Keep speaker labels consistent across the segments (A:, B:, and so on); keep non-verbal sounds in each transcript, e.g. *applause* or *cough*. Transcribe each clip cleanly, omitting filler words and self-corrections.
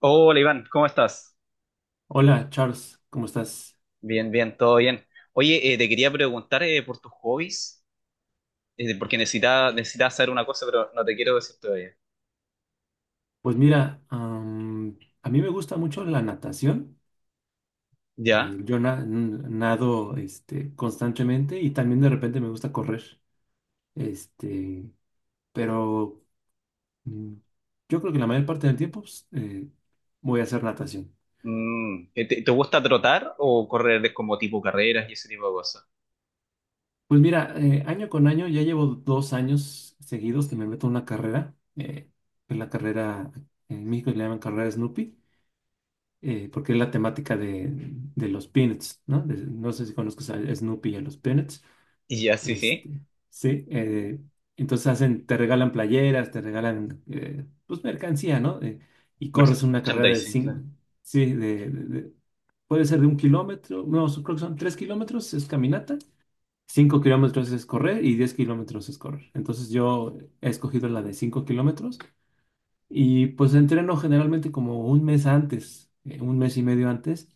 A: Hola Iván, ¿cómo estás?
B: Hola, Charles, ¿cómo estás?
A: Bien, bien, todo bien. Oye, te quería preguntar por tus hobbies, porque necesitaba saber una cosa, pero no te quiero decir todavía.
B: Pues mira, a mí me gusta mucho la natación. eh,
A: ¿Ya?
B: yo na- n- nado, constantemente y también de repente me gusta correr. Este, pero mm, yo creo que la mayor parte del tiempo pues, voy a hacer natación.
A: ¿Te gusta trotar o correr como tipo carreras y ese tipo de cosas?
B: Pues mira, año con año ya llevo 2 años seguidos que me meto en una carrera. Que es la carrera, en México le llaman carrera Snoopy, porque es la temática de los Peanuts, ¿no? No sé si conozcas a Snoopy y a los Peanuts.
A: Y ya, sí, sí.
B: Este, sí, entonces hacen, te regalan playeras, te regalan, pues, mercancía, ¿no? Y corres una carrera de
A: Merchandising,
B: cinco.
A: claro.
B: Sí, puede ser de un kilómetro. No, creo que son 3 kilómetros, es caminata. 5 kilómetros es correr y 10 kilómetros es correr. Entonces yo he escogido la de 5 kilómetros y pues entreno generalmente como un mes antes, un mes y medio antes.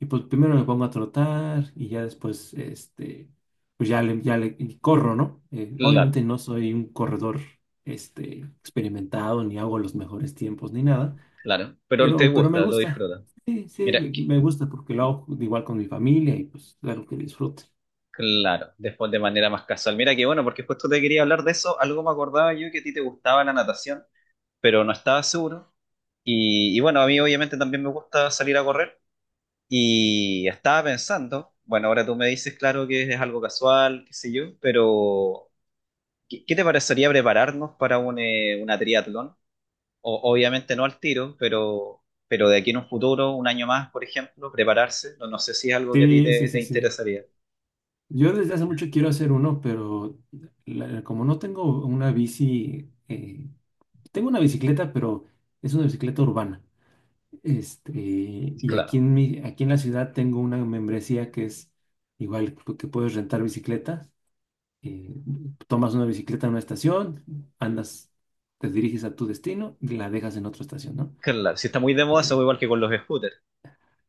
B: Y pues primero me pongo a trotar y ya después, pues ya le y corro, ¿no?
A: Claro,
B: Obviamente no soy un corredor, experimentado, ni hago los mejores tiempos, ni nada,
A: claro. Pero te
B: pero me
A: gusta, lo
B: gusta.
A: disfrutas.
B: Sí, sí,
A: Mira,
B: me, me gusta porque lo hago igual con mi familia y pues es algo que disfrute.
A: claro, después de manera más casual. Mira que bueno, porque justo te quería hablar de eso. Algo me acordaba yo que a ti te gustaba la natación, pero no estaba seguro. Y bueno, a mí obviamente también me gusta salir a correr y estaba pensando, bueno, ahora tú me dices, claro, que es algo casual, qué sé yo, pero ¿qué te parecería prepararnos para una triatlón? Obviamente no al tiro, pero de aquí en un futuro, un año más, por ejemplo, prepararse, no, no sé si es algo que a ti
B: Sí, sí,
A: te
B: sí, sí.
A: interesaría.
B: Yo desde hace mucho quiero hacer uno, pero como no tengo una bici, tengo una bicicleta, pero es una bicicleta urbana. Este,
A: Y
B: y
A: claro,
B: aquí en la ciudad tengo una membresía que es igual, que puedes rentar bicicletas. eh, Tomas una bicicleta en una estación, andas, te diriges a tu destino y la dejas en otra estación, ¿no?
A: claro, si está muy de moda,
B: Eh,
A: eso igual que con los scooters.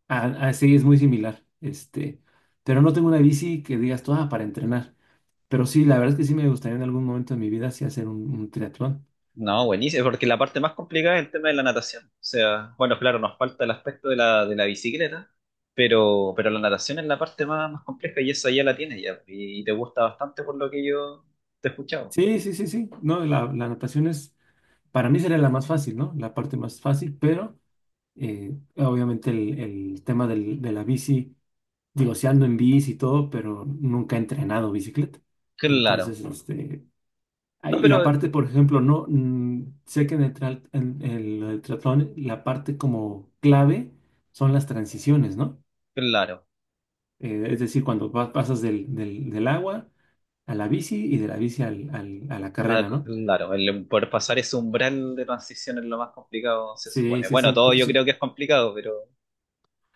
B: Así es muy similar. Pero no tengo una bici que digas tú, "Ah, para entrenar". Pero sí, la verdad es que sí me gustaría en algún momento de mi vida sí hacer un triatlón.
A: No, buenísimo, porque la parte más complicada es el tema de la natación. O sea, bueno, claro, nos falta el aspecto de la bicicleta, pero la natación es la parte más compleja y esa ya la tienes ya. Y te gusta bastante por lo que yo te he escuchado.
B: Sí, sí, sí, sí. No, la natación es. Para mí sería la más fácil, ¿no? La parte más fácil, pero obviamente el tema de la bici, digo, si ando en bici y todo, pero nunca he entrenado bicicleta.
A: Claro.
B: Entonces, ay,
A: No,
B: y
A: pero
B: aparte, por ejemplo, no, sé que en el triatlón la parte como clave son las transiciones, ¿no?
A: claro.
B: Es decir, cuando pasas del agua a la bici y de la bici a la
A: Ah,
B: carrera, ¿no?
A: claro, el poder pasar ese umbral de transición es lo más complicado, se
B: Sí,
A: supone.
B: sí,
A: Bueno,
B: sí,
A: todo
B: porque
A: yo creo
B: sí.
A: que es complicado, pero,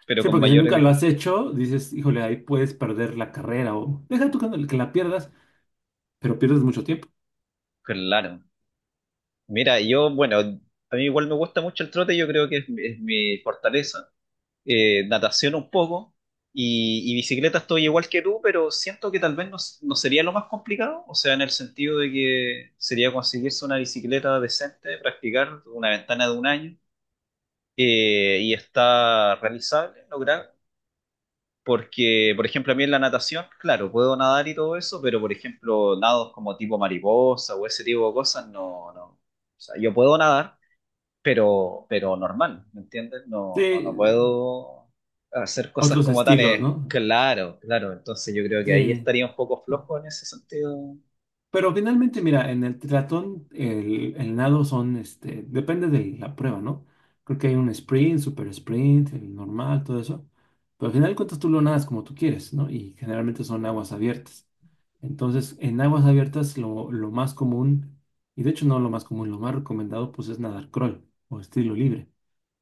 A: pero
B: Sí,
A: con
B: porque si
A: mayor
B: nunca lo
A: riesgo.
B: has hecho, dices, híjole, ahí puedes perder la carrera o deja tú que no, que la pierdas, pero pierdes mucho tiempo.
A: Claro. Mira, yo, bueno, a mí igual me gusta mucho el trote, yo creo que es mi fortaleza. Natación un poco y bicicleta estoy igual que tú, pero siento que tal vez no, no sería lo más complicado, o sea, en el sentido de que sería conseguirse una bicicleta decente, practicar una ventana de un año y está realizable, lograr. Porque, por ejemplo, a mí en la natación, claro, puedo nadar y todo eso, pero por ejemplo, nados como tipo mariposa o ese tipo de cosas, no, no. O sea, yo puedo nadar, pero normal, ¿me entiendes? No, no,
B: Sí,
A: no puedo hacer cosas
B: otros
A: como tan.
B: estilos, ¿no?
A: Claro, claro, entonces yo creo que ahí
B: Sí.
A: estaría un poco flojo en ese sentido.
B: Pero finalmente, mira, en el triatlón, el nado son, depende de la prueba, ¿no? Creo que hay un sprint, super sprint, el normal, todo eso. Pero al final de cuentas tú lo nadas como tú quieres, ¿no? Y generalmente son aguas abiertas. Entonces, en aguas abiertas lo más común, y de hecho no lo más común, lo más recomendado pues es nadar crawl o estilo libre.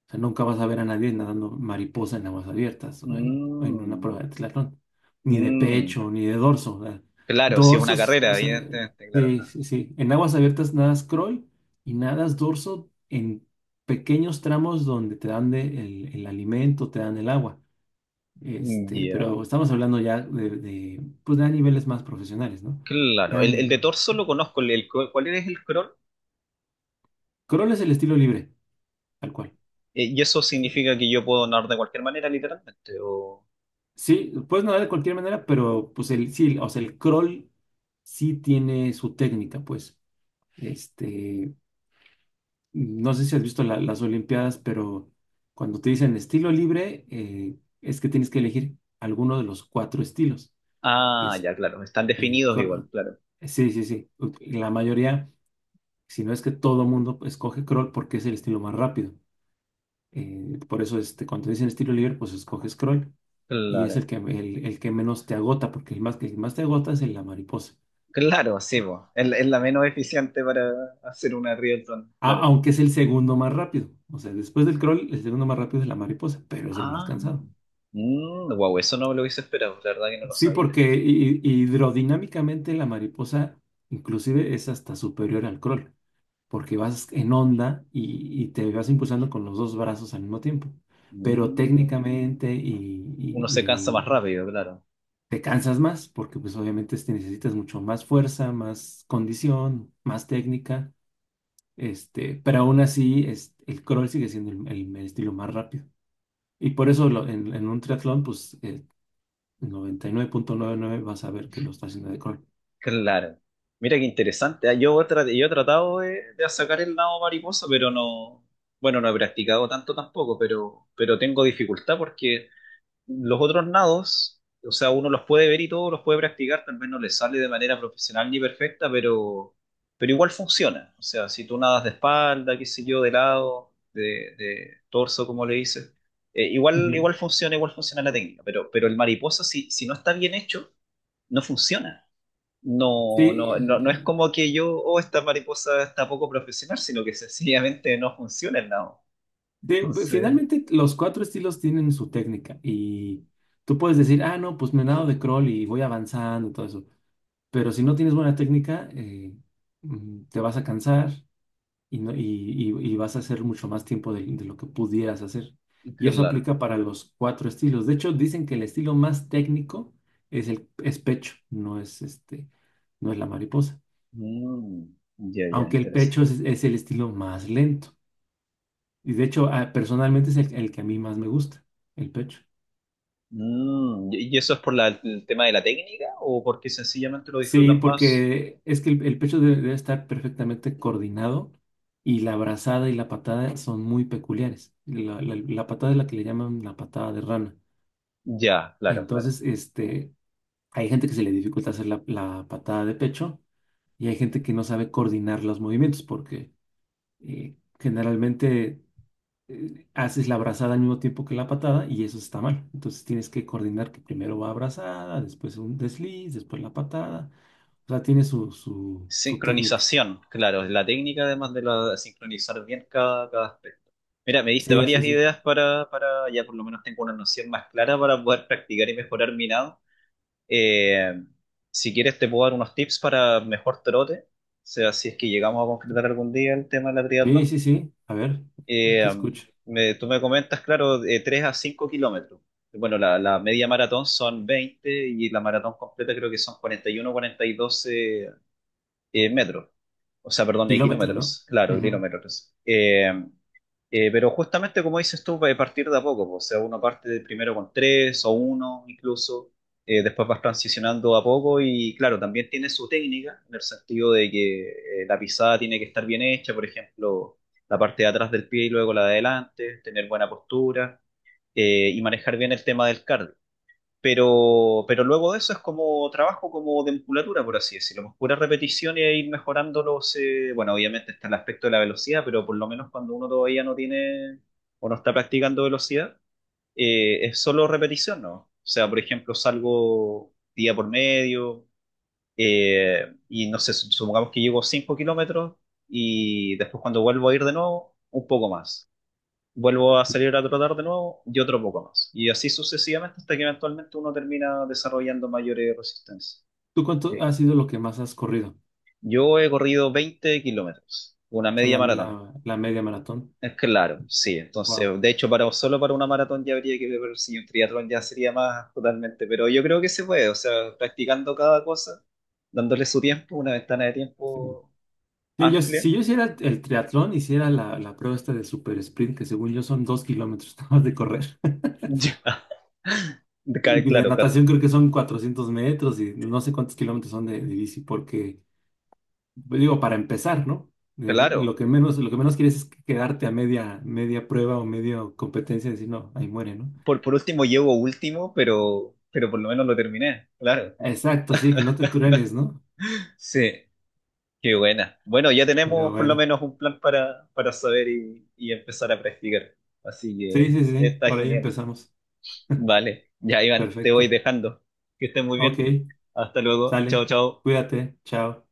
B: O sea, nunca vas a ver a nadie nadando mariposa en aguas abiertas o en una prueba
A: Mm,
B: de triatlón, ni de
A: mm,
B: pecho, ni de dorso. O sea,
A: claro, si es una
B: dorsos, o
A: carrera,
B: sea,
A: evidentemente, claro,
B: sí,
A: claro.
B: sí, sí. En aguas abiertas nadas crawl y nadas dorso en pequeños tramos donde te dan el alimento, te dan el agua.
A: Mm, ya,
B: Pero estamos hablando ya pues de niveles más profesionales, ¿no?
A: claro,
B: Ya
A: el de
B: en-
A: torso lo conozco. ¿Cuál es el crawl?
B: Corolla es el estilo libre, tal cual.
A: ¿Y eso significa que yo puedo nadar de cualquier manera, literalmente, o?
B: Sí, puedes nadar de cualquier manera, pero pues sí, o sea, el crawl sí tiene su técnica, pues. Este, no sé si has visto las Olimpiadas, pero cuando te dicen estilo libre, es que tienes que elegir alguno de los cuatro estilos, que
A: Ah,
B: es
A: ya, claro, están
B: el
A: definidos igual,
B: crawl.
A: claro.
B: Sí, sí, sí. La mayoría Si no es que todo mundo escoge crawl porque es el estilo más rápido. Por eso, cuando te dicen estilo libre, pues escoges crawl. Y es
A: Claro.
B: el que, el que menos te agota, porque el que más te agota es el la mariposa.
A: Claro, sí,
B: Eh,
A: po. Es la menos eficiente para hacer una Rielton, claro.
B: Aunque es el segundo más rápido. O sea, después del crawl, el segundo más rápido es la mariposa, pero es el más
A: Ah,
B: cansado.
A: wow, eso no me lo hubiese esperado, la verdad que no lo
B: Sí,
A: sabía.
B: porque hidrodinámicamente la mariposa inclusive es hasta superior al crawl. Porque vas en onda y te vas impulsando con los dos brazos al mismo tiempo. Pero
A: Mm,
B: técnicamente y,
A: Uno se cansa
B: y-
A: más
B: y
A: rápido, claro.
B: te cansas más, porque pues obviamente necesitas mucho más fuerza, más condición, más técnica, pero aún así es, el crawl sigue siendo el estilo más rápido. Y por eso en un triatlón, pues el 9.99 vas a ver que lo está haciendo de crawl.
A: Claro. Mira qué interesante. Yo, yo he tratado de, sacar el lado mariposa, pero no, bueno, no he practicado tanto tampoco, pero tengo dificultad porque los otros nados, o sea, uno los puede ver y todos los puede practicar, tal vez no les sale de manera profesional ni perfecta, pero igual funciona. O sea, si tú nadas de espalda, qué sé yo, de lado, de torso, como le dices, igual,
B: Ujú.
A: igual funciona, igual funciona la técnica, pero el mariposa, si no está bien hecho, no funciona.
B: Sí,
A: No, no, no, no es como que yo, oh, esta mariposa está poco profesional, sino que sencillamente no funciona el nado.
B: sí, pues,
A: Entonces,
B: finalmente, los cuatro estilos tienen su técnica y tú puedes decir, ah, no, pues me nado de crawl y voy avanzando y todo eso. Pero si no tienes buena técnica, te vas a cansar y vas a hacer mucho más tiempo de lo que pudieras hacer. Y eso
A: claro.
B: aplica para los cuatro estilos. De hecho, dicen que el estilo más técnico es pecho, no es la mariposa.
A: Mm, ya, ya,
B: Aunque el
A: interesante.
B: pecho es el estilo más lento. Y de hecho, ah, personalmente es el que a mí más me gusta, el pecho.
A: ¿Y eso es por el tema de la técnica o porque sencillamente lo
B: Sí,
A: disfrutas más?
B: porque es que el pecho debe estar perfectamente coordinado y la brazada y la patada son muy peculiares. La patada es la que le llaman la patada de rana.
A: Ya, claro, claro.
B: Entonces, hay gente que se le dificulta hacer la patada de pecho y hay gente que no sabe coordinar los movimientos porque generalmente haces la abrazada al mismo tiempo que la patada y eso está mal. Entonces tienes que coordinar que primero va abrazada, después un desliz, después la patada. O sea, tiene su técnica.
A: Sincronización, claro, es la técnica además de sincronizar bien cada aspecto. Mira, me diste
B: Sí, sí,
A: varias
B: sí.
A: ideas ya por lo menos tengo una noción más clara para poder practicar y mejorar mi nado. Eh, si quieres te puedo dar unos tips para mejor trote, o sea, si es que llegamos a concretar algún día el tema de la
B: Sí,
A: triatlón.
B: sí, sí. A ver,
A: Eh,
B: te escucho.
A: Tú me comentas, claro, de 3 a 5 kilómetros. Bueno, la media maratón son 20 y la maratón completa creo que son 41 42 metros. O sea, perdón, de
B: Kilómetros, ¿no?
A: kilómetros, claro,
B: Ujú.
A: kilómetros. Pero justamente como dices tú, va a partir de a poco, po. O sea, uno parte de primero con tres o uno incluso, después vas transicionando a poco y claro, también tiene su técnica, en el sentido de que la pisada tiene que estar bien hecha, por ejemplo, la parte de atrás del pie y luego la de adelante, tener buena postura y manejar bien el tema del cardio. Pero luego de eso es como trabajo como de musculatura, por así decirlo, más pura repetición y ir mejorándolos bueno, obviamente está el aspecto de la velocidad, pero por lo menos cuando uno todavía no tiene o no está practicando velocidad, es solo repetición, ¿no? O sea, por ejemplo, salgo día por medio y no sé, supongamos que llevo 5 kilómetros y después cuando vuelvo a ir de nuevo, un poco más vuelvo a salir a trotar de nuevo y otro poco más. Y así sucesivamente hasta que eventualmente uno termina desarrollando mayores resistencias.
B: ¿Tú cuánto ha
A: Eh,
B: sido lo que más has corrido?
A: Yo he corrido 20 kilómetros, una
B: O sea,
A: media
B: la,
A: maratón.
B: la, la media maratón.
A: Es claro, sí.
B: Wow.
A: Entonces, de hecho, solo para una maratón ya habría que ver si un triatlón ya sería más totalmente. Pero yo creo que se puede, o sea, practicando cada cosa, dándole su tiempo, una ventana de
B: Sí.
A: tiempo
B: Sí,
A: amplia.
B: si yo
A: *laughs*
B: hiciera el triatlón, hiciera la prueba esta de super sprint, que según yo son 2 kilómetros *laughs* nada más de correr.
A: Ya. Claro,
B: Y de
A: claro,
B: natación creo que son 400 metros y no sé cuántos kilómetros son de bici, porque, pues, digo, para empezar, ¿no?
A: claro.
B: Lo que menos quieres es quedarte a media, media prueba o media competencia y decir, no, ahí muere, ¿no?
A: Por último llevo último, pero por lo menos lo terminé, claro.
B: Exacto, sí, que no te truenes, ¿no?
A: Sí, qué buena. Bueno, ya
B: Pero
A: tenemos por lo
B: bueno,
A: menos un plan para saber y empezar a practicar. Así
B: sí,
A: que
B: sí, sí, sí,
A: está
B: por ahí
A: genial.
B: empezamos.
A: Vale, ya Iván, te voy
B: Perfecto.
A: dejando. Que estés muy
B: Ok,
A: bien. Hasta luego.
B: sale,
A: Chao, chao.
B: cuídate, chao.